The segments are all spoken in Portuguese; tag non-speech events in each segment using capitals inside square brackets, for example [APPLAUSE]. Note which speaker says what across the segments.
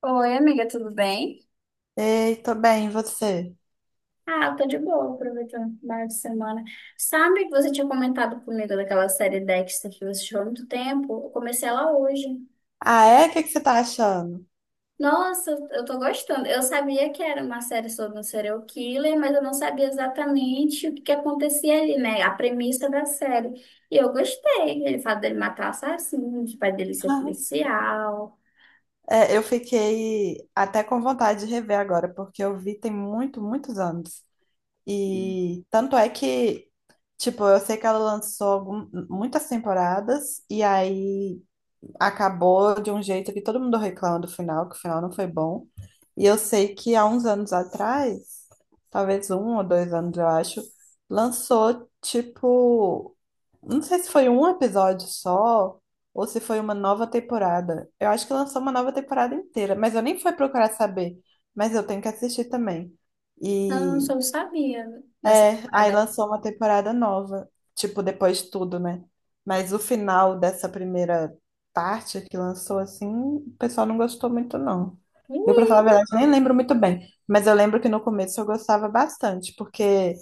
Speaker 1: Oi, amiga, tudo bem?
Speaker 2: Ei, tô bem, e você?
Speaker 1: Ah, eu tô de boa, aproveitando o final de semana. Sabe que você tinha comentado comigo daquela série Dexter que você assistiu há muito tempo? Eu comecei ela hoje.
Speaker 2: Ah, é? O que que você tá achando?
Speaker 1: Nossa, eu tô gostando. Eu sabia que era uma série sobre um serial killer, mas eu não sabia exatamente o que que acontecia ali, né? A premissa da série. E eu gostei. Ele fala dele matar assassinos, o pai dele ser
Speaker 2: [LAUGHS]
Speaker 1: policial.
Speaker 2: É, eu fiquei até com vontade de rever agora, porque eu vi tem muitos anos. E tanto é que, tipo, eu sei que ela lançou muitas temporadas, e aí acabou de um jeito que todo mundo reclama do final, que o final não foi bom. E eu sei que há uns anos atrás, talvez um ou dois anos, eu acho, lançou, tipo. Não sei se foi um episódio só ou se foi uma nova temporada. Eu acho que lançou uma nova temporada inteira, mas eu nem fui procurar saber. Mas eu tenho que assistir também.
Speaker 1: Não, eu só
Speaker 2: E
Speaker 1: não sabia dessa
Speaker 2: é, aí
Speaker 1: temporada.
Speaker 2: lançou uma temporada nova, tipo, depois de tudo, né? Mas o final dessa primeira parte que lançou, assim, o pessoal não gostou muito, não. Eu, pra falar a verdade, nem lembro muito bem, mas eu lembro que no começo eu gostava bastante, porque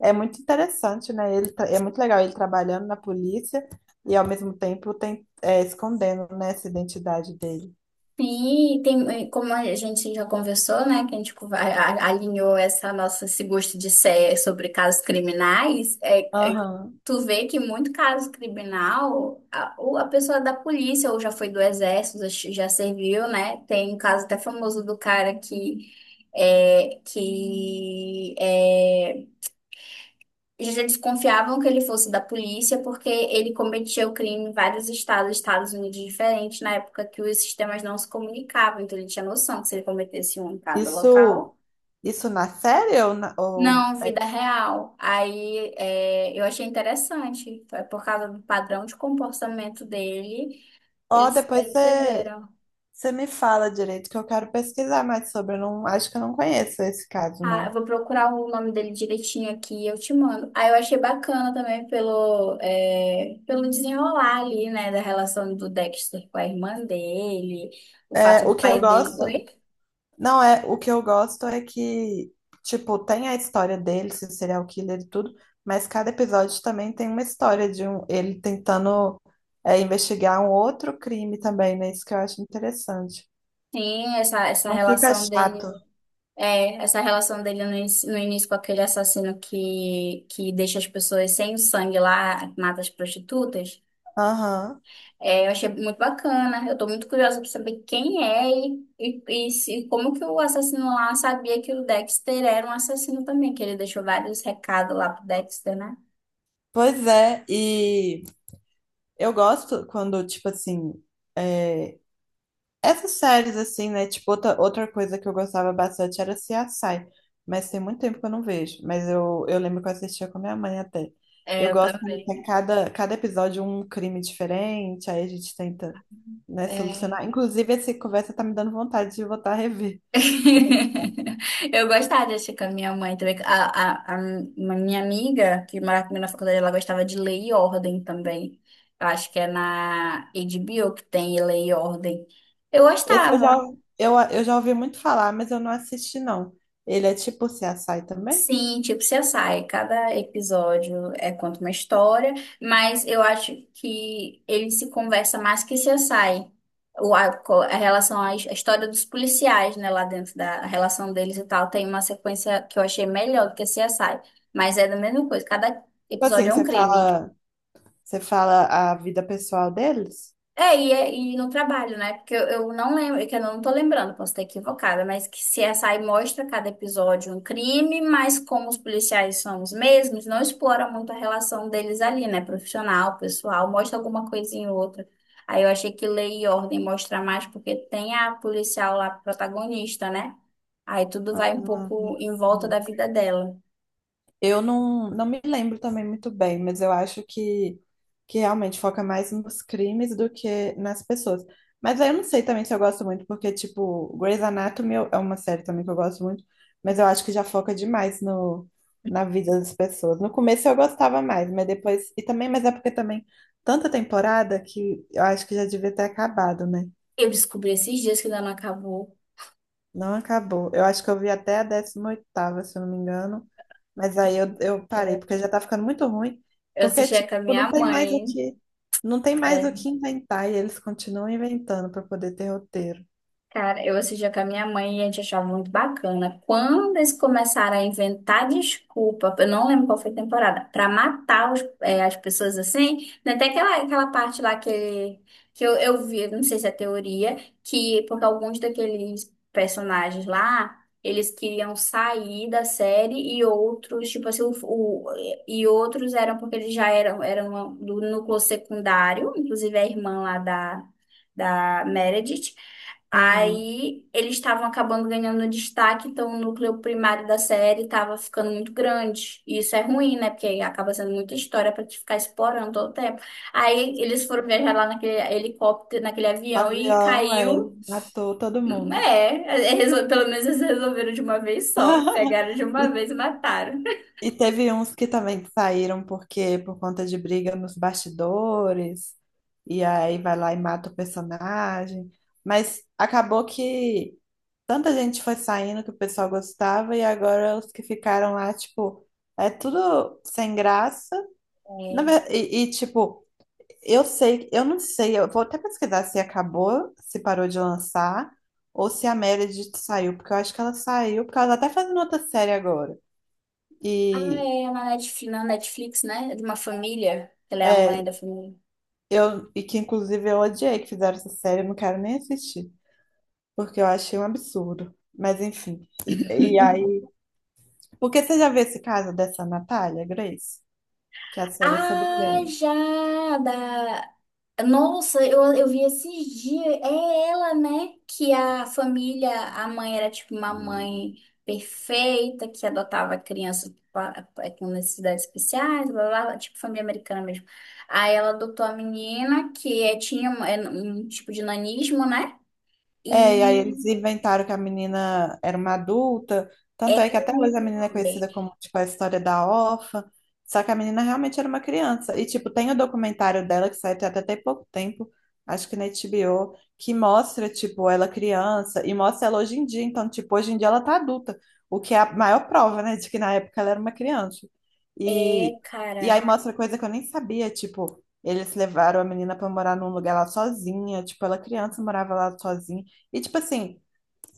Speaker 2: é muito interessante, né? Ele, é muito legal ele trabalhando na polícia e, ao mesmo tempo, tem, é, escondendo, né, essa identidade dele.
Speaker 1: Sim, tem, como a gente já conversou, né, que a gente alinhou essa nossa, esse gosto de ser sobre casos criminais,
Speaker 2: Aham.
Speaker 1: tu vê que muito caso criminal, a, ou a pessoa é da polícia, ou já foi do exército, já serviu, né, tem um caso até famoso do cara que, é, que é, eles já desconfiavam que ele fosse da polícia porque ele cometia o crime em vários estados, Estados Unidos diferentes, na época que os sistemas não se comunicavam, então ele tinha noção que se ele cometesse um em cada
Speaker 2: Isso,
Speaker 1: local,
Speaker 2: isso, na série ou, na, ou...
Speaker 1: não, vida real. Eu achei interessante, foi por causa do padrão de comportamento dele,
Speaker 2: Ó,
Speaker 1: eles
Speaker 2: depois você.
Speaker 1: perceberam.
Speaker 2: Você me fala direito que eu quero pesquisar mais sobre. Eu não, acho que eu não conheço esse caso,
Speaker 1: Ah, eu
Speaker 2: não.
Speaker 1: vou procurar o nome dele direitinho aqui e eu te mando. Aí eu achei bacana também pelo desenrolar ali, né, da relação do Dexter com a irmã dele, o
Speaker 2: É,
Speaker 1: fato
Speaker 2: o
Speaker 1: do
Speaker 2: que eu
Speaker 1: pai dele.
Speaker 2: gosto,
Speaker 1: Oi?
Speaker 2: não é, o que eu gosto é que, tipo, tem a história dele, se serial killer e tudo, mas cada episódio também tem uma história de um, ele tentando, é, investigar um outro crime também, né? Isso que eu acho interessante.
Speaker 1: Sim, essa
Speaker 2: Não fica
Speaker 1: relação
Speaker 2: chato.
Speaker 1: dele. É, essa relação dele no início com aquele assassino que deixa as pessoas sem o sangue lá, mata as prostitutas.
Speaker 2: Aham.
Speaker 1: É, eu achei muito bacana. Eu tô muito curiosa pra saber quem é e como que o assassino lá sabia que o Dexter era um assassino também, que ele deixou vários recados lá pro Dexter, né?
Speaker 2: Pois é, e eu gosto quando, tipo assim, é, essas séries, assim, né? Tipo, outra coisa que eu gostava bastante era CSI. Mas tem muito tempo que eu não vejo. Mas eu lembro que eu assistia com a minha mãe até. Eu
Speaker 1: É, eu
Speaker 2: gosto quando tem
Speaker 1: também.
Speaker 2: cada episódio um crime diferente, aí a gente tenta, né,
Speaker 1: É.
Speaker 2: solucionar. Inclusive, essa conversa tá me dando vontade de voltar a rever.
Speaker 1: [LAUGHS] Eu gostava de assistir com a minha mãe também. A Uma minha amiga, que morava comigo na faculdade, ela gostava de Lei e Ordem também. Eu acho que é na HBO que tem Lei e Ordem. Eu
Speaker 2: Esse eu já,
Speaker 1: gostava.
Speaker 2: eu já ouvi muito falar, mas eu não assisti, não. Ele é tipo CSI também?
Speaker 1: Sim, tipo CSI, cada episódio é conta uma história, mas eu acho que ele se conversa mais que CSI. O, a, co- a relação à his- A história dos policiais, né, lá dentro da a relação deles e tal, tem uma sequência que eu achei melhor do que CSI, mas é da mesma coisa, cada
Speaker 2: Tipo
Speaker 1: episódio
Speaker 2: assim,
Speaker 1: é um
Speaker 2: você
Speaker 1: crime.
Speaker 2: fala. Você fala a vida pessoal deles?
Speaker 1: E no trabalho, né? Porque eu não lembro, é que eu não tô lembrando, posso estar equivocada, mas que CSI mostra cada episódio um crime, mas como os policiais são os mesmos, não explora muito a relação deles ali, né? Profissional, pessoal, mostra alguma coisinha ou outra. Aí eu achei que Lei e Ordem mostra mais, porque tem a policial lá protagonista, né? Aí tudo vai um
Speaker 2: Não,
Speaker 1: pouco
Speaker 2: não
Speaker 1: em volta da
Speaker 2: sei.
Speaker 1: vida dela.
Speaker 2: Eu não, não me lembro também muito bem, mas eu acho que realmente foca mais nos crimes do que nas pessoas. Mas aí eu não sei também se eu gosto muito, porque, tipo, Grey's Anatomy é uma série também que eu gosto muito, mas eu acho que já foca demais no, na vida das pessoas. No começo eu gostava mais, mas depois. E também, mas é porque também tanta temporada que eu acho que já devia ter acabado, né?
Speaker 1: Eu descobri esses dias que ainda não acabou.
Speaker 2: Não acabou. Eu acho que eu vi até a décima oitava, se eu não me engano. Mas aí eu parei, porque já tá ficando muito ruim.
Speaker 1: Eu
Speaker 2: Porque,
Speaker 1: assisti
Speaker 2: tipo,
Speaker 1: com a
Speaker 2: não
Speaker 1: minha
Speaker 2: tem mais o
Speaker 1: mãe.
Speaker 2: que, não tem mais o
Speaker 1: é,
Speaker 2: que inventar. E eles continuam inventando para poder ter roteiro.
Speaker 1: Cara, eu assistia com a minha mãe e a gente achava muito bacana. Quando eles começaram a inventar desculpa, eu não lembro qual foi a temporada, pra matar as pessoas assim, né? Até aquela parte lá que eu vi, não sei se é teoria, que porque alguns daqueles personagens lá, eles queriam sair da série e outros, tipo assim, e outros eram porque eles já eram do núcleo secundário, inclusive a irmã lá da Meredith.
Speaker 2: Ah,
Speaker 1: Aí eles estavam acabando ganhando destaque, então o núcleo primário da série estava ficando muito grande. E isso é ruim, né? Porque aí acaba sendo muita história para te ficar explorando todo o tempo. Aí eles foram viajar lá naquele helicóptero, naquele avião e
Speaker 2: avião, é,
Speaker 1: caiu.
Speaker 2: matou todo mundo.
Speaker 1: Pelo menos eles resolveram de uma vez só. Pegaram
Speaker 2: [LAUGHS]
Speaker 1: de
Speaker 2: E,
Speaker 1: uma vez e mataram.
Speaker 2: e teve uns que também saíram porque por conta de briga nos bastidores, e aí vai lá e mata o personagem. Mas acabou que tanta gente foi saindo que o pessoal gostava, e agora os que ficaram lá, tipo, é tudo sem graça.
Speaker 1: É.
Speaker 2: Tipo, eu sei, eu não sei, eu vou até pesquisar se acabou, se parou de lançar, ou se a Meredith saiu, porque eu acho que ela saiu, porque ela tá até fazendo outra série agora.
Speaker 1: Ah,
Speaker 2: E
Speaker 1: é na Netflix, né? De uma família. Ela é a mãe
Speaker 2: é,
Speaker 1: da família.
Speaker 2: eu, e que inclusive eu odiei que fizeram essa série, eu não quero nem assistir, porque eu achei um absurdo. Mas enfim. E
Speaker 1: [LAUGHS]
Speaker 2: aí. Porque você já viu esse caso dessa Natália Grace? Que a série é sobre
Speaker 1: Ah,
Speaker 2: ela.
Speaker 1: já! Nossa, eu vi esses dias. É ela, né? Que a família, a mãe era tipo uma mãe perfeita, que adotava crianças com necessidades especiais, blá, blá, blá, tipo família americana mesmo. Aí ela adotou a menina, tinha um tipo de nanismo, né?
Speaker 2: É, e aí
Speaker 1: E
Speaker 2: eles inventaram que a menina era uma adulta, tanto
Speaker 1: é,
Speaker 2: é que até hoje a menina é conhecida como, tipo, a história da órfã, só que a menina realmente era uma criança. E, tipo, tem o documentário dela que saiu até tem pouco tempo, acho que na HBO, que mostra, tipo, ela criança e mostra ela hoje em dia. Então, tipo, hoje em dia ela tá adulta, o que é a maior prova, né, de que na época ela era uma criança.
Speaker 1: é,
Speaker 2: E,
Speaker 1: é,
Speaker 2: e aí
Speaker 1: cara,
Speaker 2: mostra coisa que eu nem sabia, tipo, eles levaram a menina pra morar num lugar lá sozinha, tipo, ela criança morava lá sozinha. E tipo assim,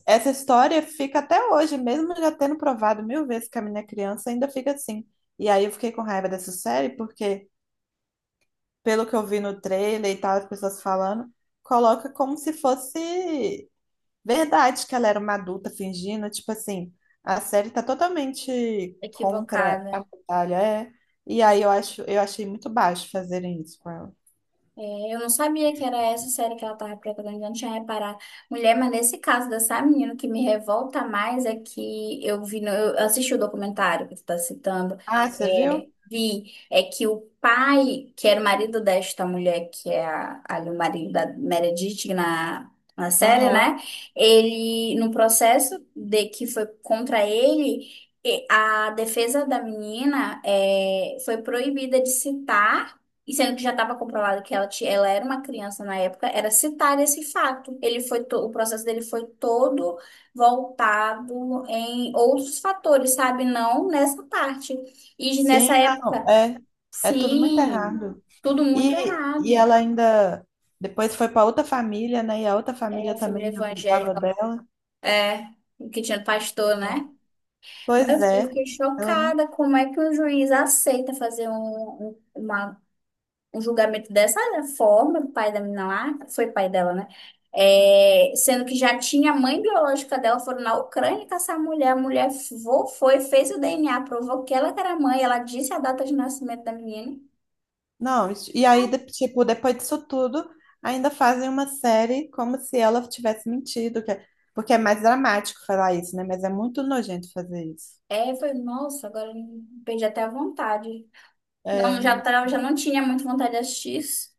Speaker 2: essa história fica até hoje, mesmo já tendo provado mil vezes que a minha criança, ainda fica assim. E aí eu fiquei com raiva dessa série, porque, pelo que eu vi no trailer e tal, as pessoas falando, coloca como se fosse verdade que ela era uma adulta fingindo, tipo assim, a série tá totalmente contra a
Speaker 1: equivocada.
Speaker 2: batalha, é. E aí eu acho, eu achei muito baixo fazerem isso com ela.
Speaker 1: É, eu não sabia que era essa série que ela estava preparando, eu não tinha reparado. Mulher, mas nesse caso dessa menina, o que me revolta mais é que eu vi, eu assisti o documentário que tu tá citando,
Speaker 2: Ah, você
Speaker 1: é,
Speaker 2: viu?
Speaker 1: vi, é que o pai, que era o marido desta mulher, que é ali o marido da Meredith na série,
Speaker 2: Aham.
Speaker 1: né? Ele, no processo de que foi contra ele, e a defesa da menina foi proibida de citar e sendo que já estava comprovado que ela era uma criança na época, era citar esse fato. Ele o processo dele foi todo voltado em outros fatores, sabe? Não nessa parte. E nessa
Speaker 2: Sim, não,
Speaker 1: época,
Speaker 2: é, é tudo muito
Speaker 1: sim,
Speaker 2: errado.
Speaker 1: tudo muito
Speaker 2: E
Speaker 1: errado.
Speaker 2: ela ainda depois foi para outra família, né? E a outra família
Speaker 1: É, família
Speaker 2: também abusava
Speaker 1: evangélica,
Speaker 2: dela.
Speaker 1: é, que tinha pastor, né?
Speaker 2: Pois
Speaker 1: Mas eu
Speaker 2: é,
Speaker 1: fiquei
Speaker 2: ela não.
Speaker 1: chocada como é que um juiz aceita fazer um, um- uma um julgamento dessa né, forma, do pai da menina lá, foi pai dela, né? É, sendo que já tinha a mãe biológica dela, foram na Ucrânia caçar a mulher foi, fez o DNA, provou que ela que era a mãe, ela disse a data de nascimento da menina.
Speaker 2: Não, isso- e aí, tipo, depois disso tudo, ainda fazem uma série como se ela tivesse mentido, porque é mais dramático falar isso, né? Mas é muito nojento fazer isso.
Speaker 1: É, foi Nossa, agora eu perdi até a vontade. Não, já não tinha muito vontade de assistir isso.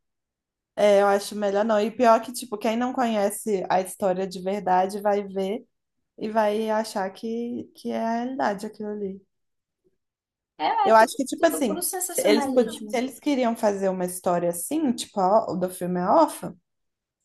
Speaker 2: É, eu acho melhor não. E pior que, tipo, quem não conhece a história de verdade vai ver e vai achar que é a realidade aquilo ali.
Speaker 1: É,
Speaker 2: Eu acho que, tipo
Speaker 1: tudo puro
Speaker 2: assim, se eles, se
Speaker 1: sensacionalismo.
Speaker 2: eles queriam fazer uma história assim, o do filme A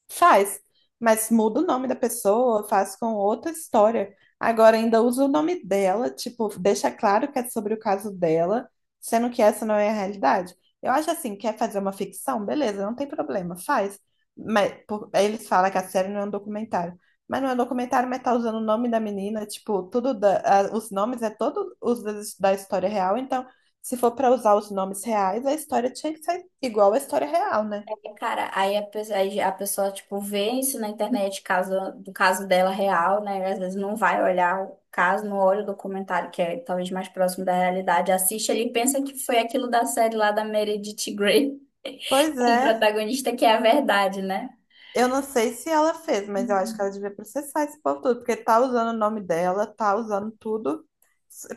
Speaker 2: Faz, mas muda o nome da pessoa, faz com outra história. Agora ainda usa o nome dela, tipo, deixa claro que é sobre o caso dela, sendo que essa não é a realidade. Eu acho assim, quer fazer uma ficção? Beleza, não tem problema, faz. Aí eles falam que a série não é um documentário. Mas não é um documentário, mas tá usando o nome da menina, tipo, os nomes é todo os da história real, então se for para usar os nomes reais, a história tinha que ser igual à história real, né?
Speaker 1: Cara, a pessoa, tipo, vê isso na internet, do caso dela real, né? Às vezes não vai olhar o caso, não olha o documentário, que é talvez mais próximo da realidade. Assiste ali e pensa que foi aquilo da série lá da Meredith Grey,
Speaker 2: Pois
Speaker 1: [LAUGHS] com o
Speaker 2: é,
Speaker 1: protagonista, que é a verdade, né?
Speaker 2: eu não sei se ela fez, mas eu acho que
Speaker 1: Uhum.
Speaker 2: ela devia processar esse povo tudo, porque tá usando o nome dela, tá usando tudo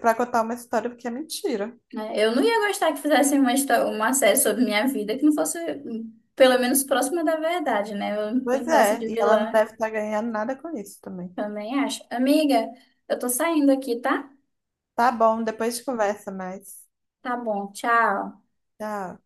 Speaker 2: pra contar uma história que é mentira.
Speaker 1: Né? Eu não ia gostar que fizessem uma série sobre minha vida que não fosse, pelo menos, próxima da verdade, né? Eu não
Speaker 2: Pois
Speaker 1: pintasse
Speaker 2: é,
Speaker 1: de
Speaker 2: e ela não
Speaker 1: vilã,
Speaker 2: deve estar ganhando nada com isso também.
Speaker 1: também acho. Amiga, eu tô saindo aqui, tá?
Speaker 2: Tá bom, depois a gente conversa mais.
Speaker 1: Tá bom, tchau.
Speaker 2: Tchau.